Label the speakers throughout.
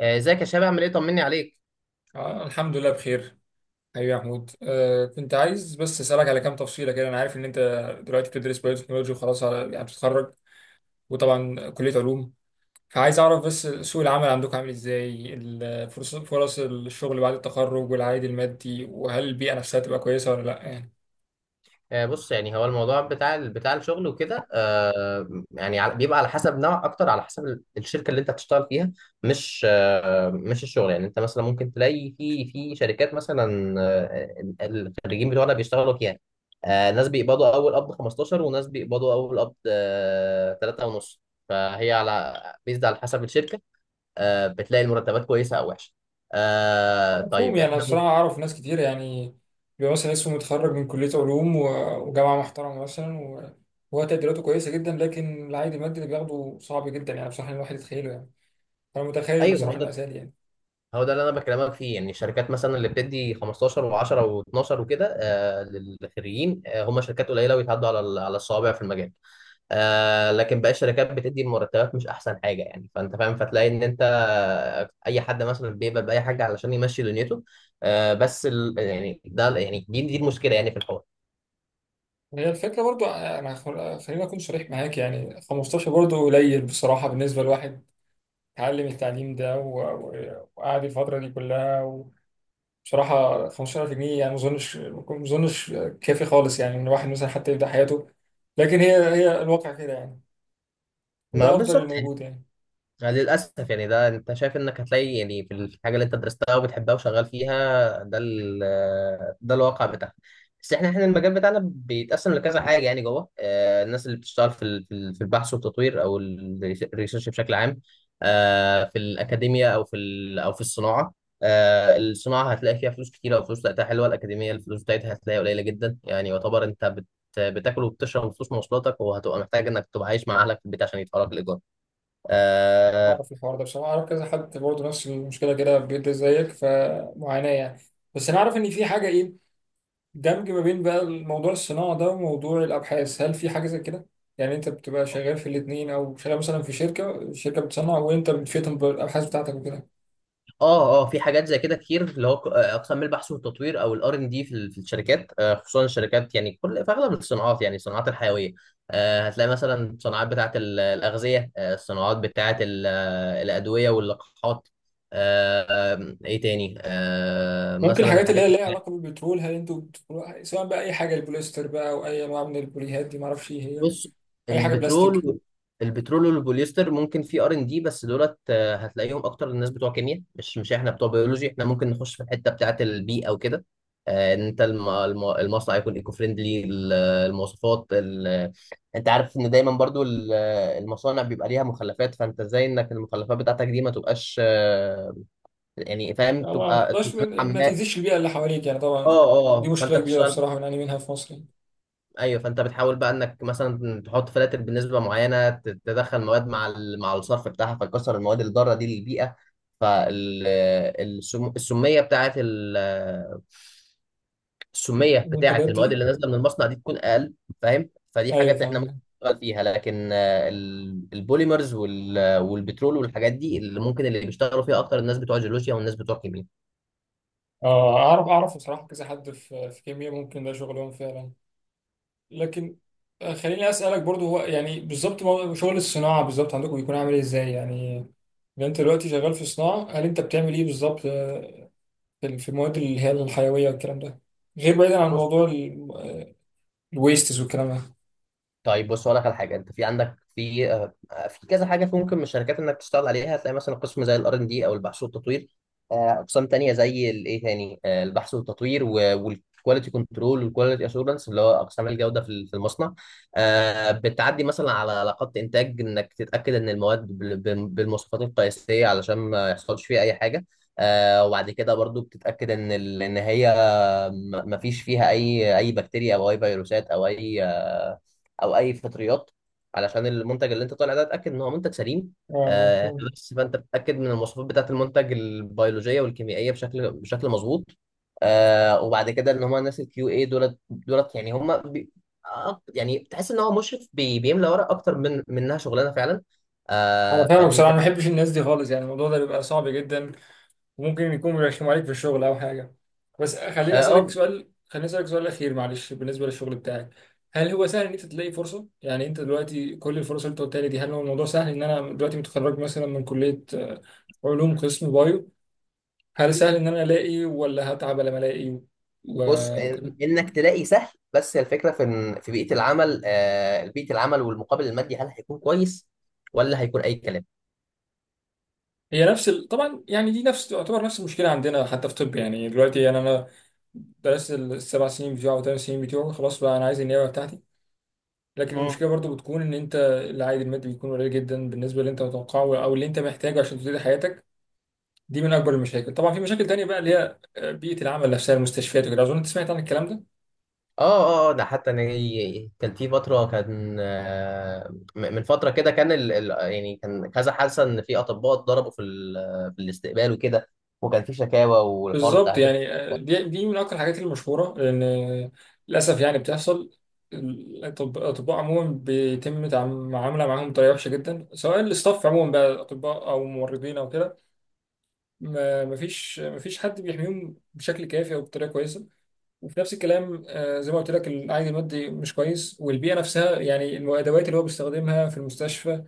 Speaker 1: ازيك يا شباب، عامل ايه؟ طمني عليك.
Speaker 2: آه الحمد لله بخير. حبيبي يا محمود، كنت عايز بس اسالك على كام تفصيله كده. انا عارف ان انت دلوقتي بتدرس بايوتكنولوجي وخلاص، على يعني بتتخرج، وطبعا كليه علوم. فعايز اعرف بس سوق العمل عندكم عامل ازاي، فرص الشغل بعد التخرج والعائد المادي، وهل البيئه نفسها تبقى كويسه ولا لا يعني.
Speaker 1: بص، يعني هو الموضوع بتاع الشغل وكده. بيبقى على حسب نوع، اكتر على حسب الشركه اللي انت هتشتغل فيها. مش الشغل، يعني انت مثلا ممكن تلاقي في شركات مثلا، الخريجين بتوعنا بيشتغلوا فيها. ناس بيقبضوا اول قبض 15، وناس بيقبضوا اول قبض 3 ونص. فهي على بيزد على حسب الشركه. بتلاقي المرتبات كويسه او وحشه.
Speaker 2: مفهوم.
Speaker 1: طيب،
Speaker 2: يعني انا
Speaker 1: احنا ممكن.
Speaker 2: الصراحه اعرف ناس كتير، يعني بيبقى مثلا اسمه متخرج من كليه علوم وجامعه محترمه مثلا، وهو تقديراته كويسه جدا، لكن العائد المادي اللي بياخده صعب جدا يعني بصراحه الواحد يتخيله يعني. انا متخيل
Speaker 1: ايوه، ما هو
Speaker 2: بصراحه
Speaker 1: ده،
Speaker 2: المأساة دي يعني.
Speaker 1: هو ده اللي انا بكلمك فيه. يعني الشركات مثلا اللي بتدي 15 و10 و12 وكده، للخريجين، هم شركات قليله ويتعدوا على الصوابع في المجال. لكن باقي الشركات بتدي المرتبات مش احسن حاجه، يعني فانت فاهم. فتلاقي ان انت، اي حد مثلا بيقبل باي حاجه علشان يمشي دنيته. بس ال يعني ده يعني دي المشكله يعني، في الحوار.
Speaker 2: هي الفكره، برضو انا خليني اكون صريح معاك، يعني 15 برضو قليل بصراحه بالنسبه لواحد اتعلم التعليم ده وقعد الفتره دي كلها. وبصراحه 15000 جنيه يعني ما اظنش كافي خالص، يعني ان الواحد مثلا حتى يبدا حياته. لكن هي الواقع كده يعني، وده
Speaker 1: ما
Speaker 2: افضل
Speaker 1: بالظبط.
Speaker 2: الموجود يعني.
Speaker 1: يعني للأسف، يعني ده أنت شايف إنك هتلاقي يعني في الحاجة اللي أنت درستها وبتحبها وشغال فيها، ده ال آه، ده الواقع بتاعها. بس إحنا المجال بتاعنا بيتقسم لكذا حاجة، يعني جوه الناس اللي بتشتغل في البحث والتطوير، أو الريسيرش بشكل عام. في الأكاديمية، أو في الصناعة. الصناعة هتلاقي فيها فلوس كتيرة، وفلوس بتاعتها حلوة. الأكاديمية الفلوس بتاعتها هتلاقيها قليلة جدا، يعني يعتبر أنت بتاكل وبتشرب فلوس مواصلاتك، وهتبقى محتاج انك تبقى عايش مع اهلك في البيت عشان يدفعوا لك الايجار.
Speaker 2: اعرف الحوار ده بصراحه، اعرف كذا حد برضه نفس المشكله كده بيبدا زيك، فمعاناه يعني. بس انا اعرف ان في حاجه ايه، دمج ما بين بقى الموضوع الصناعة ده وموضوع الأبحاث. هل في حاجة زي كده؟ يعني أنت بتبقى شغال في الاتنين، أو شغال مثلا في شركة بتصنع وأنت بتفيدهم بالأبحاث بتاعتك وكده.
Speaker 1: اه، اه، في حاجات زي كده كتير، اللي هو اقسام البحث والتطوير او الار ان دي في الشركات. خصوصا الشركات، يعني في اغلب الصناعات، يعني الصناعات الحيويه. هتلاقي مثلا الصناعات الاغذيه، الصناعات بتاعه ال- آه، الادويه واللقاحات. آه، ايه تاني؟
Speaker 2: ممكن
Speaker 1: مثلا
Speaker 2: الحاجات اللي
Speaker 1: الحاجات.
Speaker 2: هي ليها علاقة بالبترول، هل أنتوا سواء بقى أي حاجة، البوليستر بقى أو أي نوع من البوليهات دي معرفش إيه هي،
Speaker 1: بص.
Speaker 2: أي حاجة بلاستيك.
Speaker 1: البترول البترول والبوليستر ممكن في ار ان دي، بس دولت هتلاقيهم اكتر الناس بتوع كيمياء، مش احنا بتوع بيولوجي. احنا ممكن نخش في الحته بتاعه البيئه وكده، ان انت المصنع يكون ايكو فريندلي، المواصفات انت عارف ان دايما برضو المصانع بيبقى ليها مخلفات. فانت ازاي انك المخلفات بتاعتك دي ما تبقاش، يعني فاهم،
Speaker 2: يعني ما ما
Speaker 1: تبقى
Speaker 2: تحطهاش
Speaker 1: نوعاً
Speaker 2: ما
Speaker 1: ما.
Speaker 2: تأذيش البيئة اللي حواليك يعني،
Speaker 1: اه،
Speaker 2: طبعا. دي
Speaker 1: اه، فانت
Speaker 2: مشكلة كبيرة
Speaker 1: بتشتغل.
Speaker 2: بصراحة بنعاني منها في مصر يعني.
Speaker 1: ايوه، فانت بتحاول بقى انك مثلا تحط فلاتر بنسبه معينه، تدخل مواد مع الصرف بتاعها، فتكسر المواد اللي ضاره دي للبيئه. فالسميه بتاعت ال- السميه بتاعت
Speaker 2: المنتجات
Speaker 1: المواد
Speaker 2: دي.
Speaker 1: اللي نازله من المصنع دي تكون اقل. فاهم؟ فدي
Speaker 2: أيوه
Speaker 1: حاجات احنا ممكن
Speaker 2: فاهم.
Speaker 1: نشتغل فيها، لكن البوليمرز والبترول والحاجات دي اللي ممكن، بيشتغلوا فيها اكتر الناس بتوع جيولوجيا والناس بتوع كيمياء.
Speaker 2: اه اعرف اعرف بصراحه، كذا حد في كيمياء ممكن ده شغلهم فعلا. لكن خليني اسالك برضو، هو يعني بالظبط شغل الصناعه بالظبط عندكم بيكون عامل إيه، ازاي يعني؟ لو انت دلوقتي شغال في صناعه، هل انت بتعمل ايه بالظبط، في المواد اللي هي الحيويه والكلام ده، غير بعيدا عن موضوع الويستس والكلام ده؟
Speaker 1: طيب، بص اقول لك على حاجه. انت عندك في كذا حاجه ممكن من الشركات انك تشتغل عليها. هتلاقي مثلا قسم زي الار ان دي او البحث والتطوير، اقسام تانية زي الايه تاني آه، البحث والتطوير، والكواليتي كنترول، والكواليتي اشورنس، اللي هو اقسام الجوده في المصنع. بتعدي مثلا على علاقات انتاج، انك تتاكد ان المواد بالمواصفات القياسيه، علشان ما يحصلش فيها اي حاجه. وبعد كده برضو بتتاكد ان هي ما فيش فيها اي بكتيريا، او اي فيروسات، او اي فطريات، علشان المنتج اللي انت طالع ده اتاكد ان هو منتج سليم.
Speaker 2: اه. آه.
Speaker 1: بس فانت بتتاكد من المواصفات بتاعه المنتج، البيولوجيه والكيميائيه، بشكل مظبوط. وبعد كده ان هم الناس الكيو اي دولت يعني هم بي آه، يعني تحس ان هو مشرف بيملى ورق اكتر من منها شغلانه فعلا.
Speaker 2: انا فاهمك
Speaker 1: فدي انت.
Speaker 2: بصراحه. أنا ما بحبش الناس دي خالص، يعني الموضوع ده بيبقى صعب جدا، وممكن يكون بيرخموا عليك في الشغل او حاجه. بس خليني
Speaker 1: اه
Speaker 2: اسالك
Speaker 1: آه،
Speaker 2: سؤال، اخير معلش، بالنسبه للشغل بتاعك، هل هو سهل ان انت تلاقي فرصه؟ يعني انت دلوقتي كل الفرص اللي انت قلتها لي دي، هل هو الموضوع سهل ان انا دلوقتي متخرج مثلا من كليه علوم قسم بايو؟ هل سهل ان انا الاقي، ولا هتعب لما الاقي
Speaker 1: بص،
Speaker 2: وكده؟
Speaker 1: انك تلاقي سهل، بس الفكره في بيئه العمل، بيئه العمل والمقابل المادي هل هيكون كويس، ولا هيكون اي كلام؟
Speaker 2: هي نفس طبعا يعني دي نفس، تعتبر نفس المشكله عندنا حتى في طب. يعني دلوقتي يعني انا درست السبع سنين بتوعه وثمان سنين بتوعه، خلاص بقى انا عايز النيابه بتاعتي، لكن
Speaker 1: مم.
Speaker 2: المشكله برضو بتكون ان انت العائد المادي بيكون قليل جدا بالنسبه اللي انت متوقعه او اللي انت محتاجه عشان تبتدي حياتك. دي من اكبر المشاكل. طبعا في مشاكل تانية بقى اللي هي بيئه العمل نفسها، المستشفيات وكده، اظن انت سمعت عن الكلام ده.
Speaker 1: اه، اه، ده حتى انا، كان في فتره، كان من فتره كده كان يعني كان كذا حادثه ان في اطباء اتضربوا في الاستقبال وكده، وكان في شكاوى والحوار بتاع
Speaker 2: بالظبط
Speaker 1: هجرة
Speaker 2: يعني، آه،
Speaker 1: الأطباء.
Speaker 2: دي دي من اكتر الحاجات المشهوره، لان للاسف يعني بتحصل. الاطباء عموما بيتم معامله معاهم بطريقه وحشه جدا، سواء الاستاف عموما بقى، اطباء او ممرضين او كده. مفيش حد بيحميهم بشكل كافي او بطريقه كويسه. وفي نفس الكلام، زي ما قلت لك العائد المادي مش كويس، والبيئه نفسها يعني الادوات اللي هو بيستخدمها في المستشفى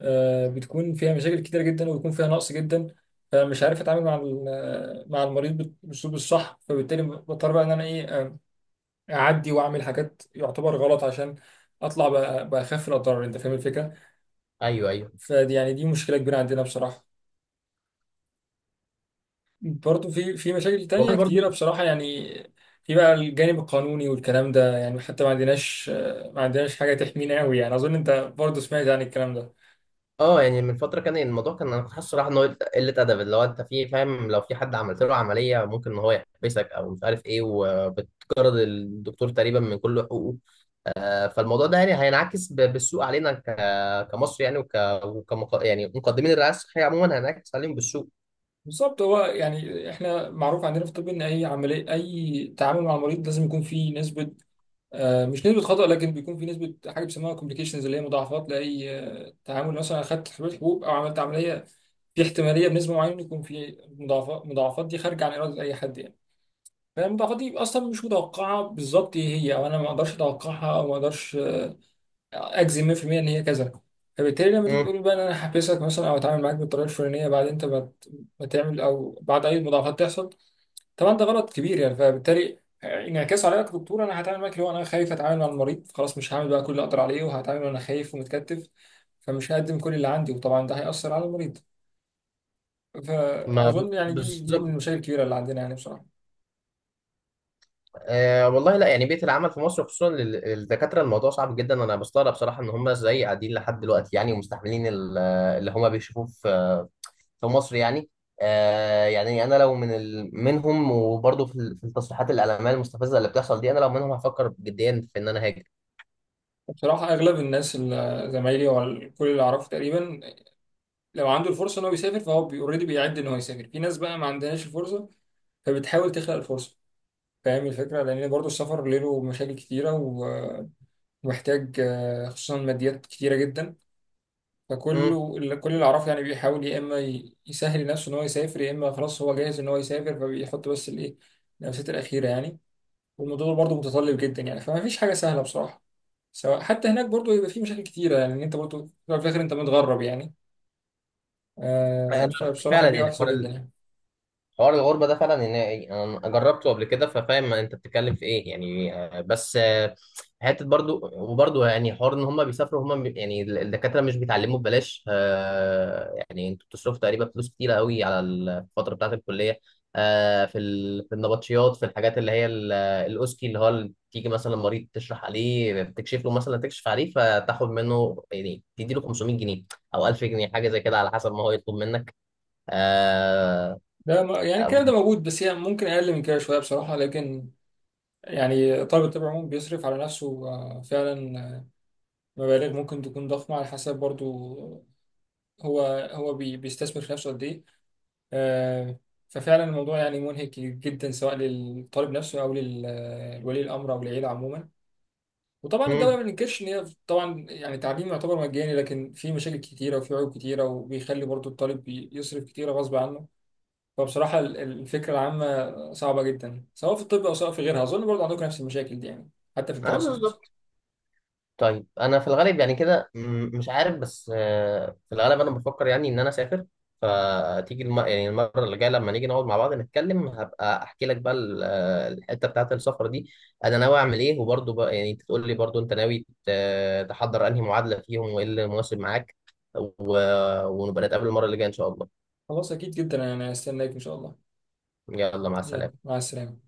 Speaker 2: بتكون فيها مشاكل كتيره جدا، وبيكون فيها نقص جدا. فمش عارف اتعامل مع مع المريض بالاسلوب الصح، فبالتالي بضطر بقى ان انا ايه، اعدي واعمل حاجات يعتبر غلط عشان اطلع باخف الاضرار، انت فاهم الفكره.
Speaker 1: ايوه، ايوه.
Speaker 2: فدي يعني دي مشكله كبيره عندنا بصراحه. برضه في مشاكل
Speaker 1: والله
Speaker 2: تانية
Speaker 1: برضو.
Speaker 2: كتيرة بصراحة يعني. في بقى الجانب القانوني والكلام ده، يعني حتى ما عندناش حاجة تحمينا قوي، يعني أظن أنت برضه سمعت عن الكلام ده.
Speaker 1: اه، يعني من فتره كان الموضوع، كان انا كنت حاسس صراحه ان هو قله ادب، اللي هو انت فاهم، لو في حد عملت له عمليه ممكن ان هو يحبسك او مش عارف ايه، وبتجرد الدكتور تقريبا من كل حقوقه. فالموضوع ده يعني هينعكس بالسوء علينا كمصر، يعني يعني مقدمين الرعايه الصحيه عموما هينعكس عليهم بالسوء.
Speaker 2: بالظبط. هو يعني إحنا معروف عندنا في الطب إن أي عملية، أي تعامل مع المريض، لازم يكون فيه نسبة مش نسبة خطأ، لكن بيكون في نسبة حاجة بيسموها كومبليكيشنز، اللي هي مضاعفات، لأي تعامل، مثلا أخدت حبوب أو عملت عملية، في احتمالية بنسبة معينة يكون في مضاعفات. المضاعفات دي خارجة عن إرادة أي حد يعني، فاهم، تقدير اصلا مش متوقعه بالظبط ايه هي، او انا ما اقدرش اتوقعها او ما اقدرش اجزم 100% ان هي كذا. فبالتالي لما تيجي
Speaker 1: مم.
Speaker 2: تقول بقى ان انا هحبسك مثلا، او اتعامل معاك بالطريقه الفلانيه بعد انت ما تعمل او بعد اي مضاعفات تحصل، طبعا ده غلط كبير يعني. فبالتالي انعكاس عليا كدكتور، انا هتعامل معاك اللي هو انا خايف اتعامل مع المريض، خلاص مش هعمل بقى كل اللي اقدر عليه، وهتعامل وانا خايف ومتكتف، فمش هقدم كل اللي عندي، وطبعا ده هيأثر على المريض.
Speaker 1: ما ب-
Speaker 2: فأظن يعني دي من
Speaker 1: بالظبط.
Speaker 2: المشاكل الكبيرة اللي عندنا يعني بصراحة.
Speaker 1: والله، لا يعني، بيئه العمل في مصر، خصوصا للدكاتره، الموضوع صعب جدا. انا بستغرب صراحه ان هم ازاي قاعدين لحد دلوقتي، يعني ومستحملين اللي هم بيشوفوه في مصر يعني. يعني انا لو منهم، وبرضه في التصريحات الاعلاميه المستفزه اللي بتحصل دي، انا لو منهم هفكر جديا في ان انا هاجر.
Speaker 2: بصراحة أغلب الناس اللي زمايلي وكل اللي أعرفه تقريبا، لو عنده الفرصة إن هو يسافر فهو أوريدي بيعد إن هو يسافر. في ناس بقى ما عندهاش الفرصة، فبتحاول تخلق الفرصة، فاهم الفكرة، لأن برضه السفر له مشاكل كتيرة ومحتاج خصوصا ماديات كتيرة جدا.
Speaker 1: امم
Speaker 2: كل اللي أعرفه يعني بيحاول يا إما يسهل نفسه إن هو يسافر، يا إما خلاص هو جاهز إن هو يسافر، فبيحط بس الإيه، النفسات الأخيرة يعني. والموضوع برضه متطلب جدا يعني، فما فيش حاجه سهله بصراحه. سواء حتى هناك برضه يبقى في مشاكل كتيره، يعني إن انت برضه في الأول وفي الاخر انت متغرب يعني،
Speaker 1: انا
Speaker 2: فبصراحه
Speaker 1: فعلا
Speaker 2: البيئه
Speaker 1: يعني،
Speaker 2: وحشه
Speaker 1: حوار
Speaker 2: جدا يعني.
Speaker 1: الغربة ده فعلا، إن أنا جربته قبل كده، ففاهم أنت بتتكلم في إيه يعني. بس حتة، برضو يعني، حوار إن هم بيسافروا، يعني الدكاترة مش بيتعلموا ببلاش. يعني أنتوا بتصرفوا تقريبا فلوس كتيرة قوي على الفترة بتاعة الكلية. في النبطشيات، في الحاجات اللي هي الأوسكي، اللي هو تيجي مثلا مريض تشرح عليه، بتكشف له، مثلا تكشف عليه فتاخد منه يعني، تدي له 500 جنيه أو 1000 جنيه، حاجة زي كده على حسب ما هو يطلب منك. آه،
Speaker 2: يعني
Speaker 1: آه،
Speaker 2: الكلام ده موجود، بس هي ممكن اقل من كده شويه بصراحه. لكن يعني طالب الطب عموما بيصرف على نفسه فعلا مبالغ ممكن تكون ضخمه، على حسب برضه هو بيستثمر في نفسه قد ايه. آه، ففعلا الموضوع يعني منهك جدا، سواء للطالب نفسه او للولي الامر او العيله عموما. وطبعا
Speaker 1: امم
Speaker 2: الدوله ما بننكرش ان هي طبعا يعني التعليم يعتبر مجاني، لكن في مشاكل كتيره وفي عيوب كتيره، وبيخلي برضو الطالب يصرف كتيره غصب عنه. فبصراحه الفكره العامه صعبه جدا، سواء في الطب او سواء في غيرها. اظن برضو عندكم نفس المشاكل دي يعني، حتى في
Speaker 1: اه،
Speaker 2: الدراسه مثلا.
Speaker 1: بالظبط. طيب، انا في الغالب يعني كده، مش عارف. بس في الغالب انا بفكر يعني ان انا اسافر. فتيجي يعني المره اللي جايه، لما نيجي نقعد مع بعض نتكلم، هبقى احكي لك بقى الحته بتاعه السفر دي، انا ناوي اعمل ايه، وبرضه بقى يعني انت تقول لي برضه انت ناوي تحضر انهي معادله فيهم، وايه اللي مناسب معاك، و... ونبقى نتقابل المره اللي جايه ان شاء الله.
Speaker 2: خلاص، اكيد جدا انا هستناك ان شاء الله.
Speaker 1: يلا، مع
Speaker 2: يلا،
Speaker 1: السلامه.
Speaker 2: مع السلامه.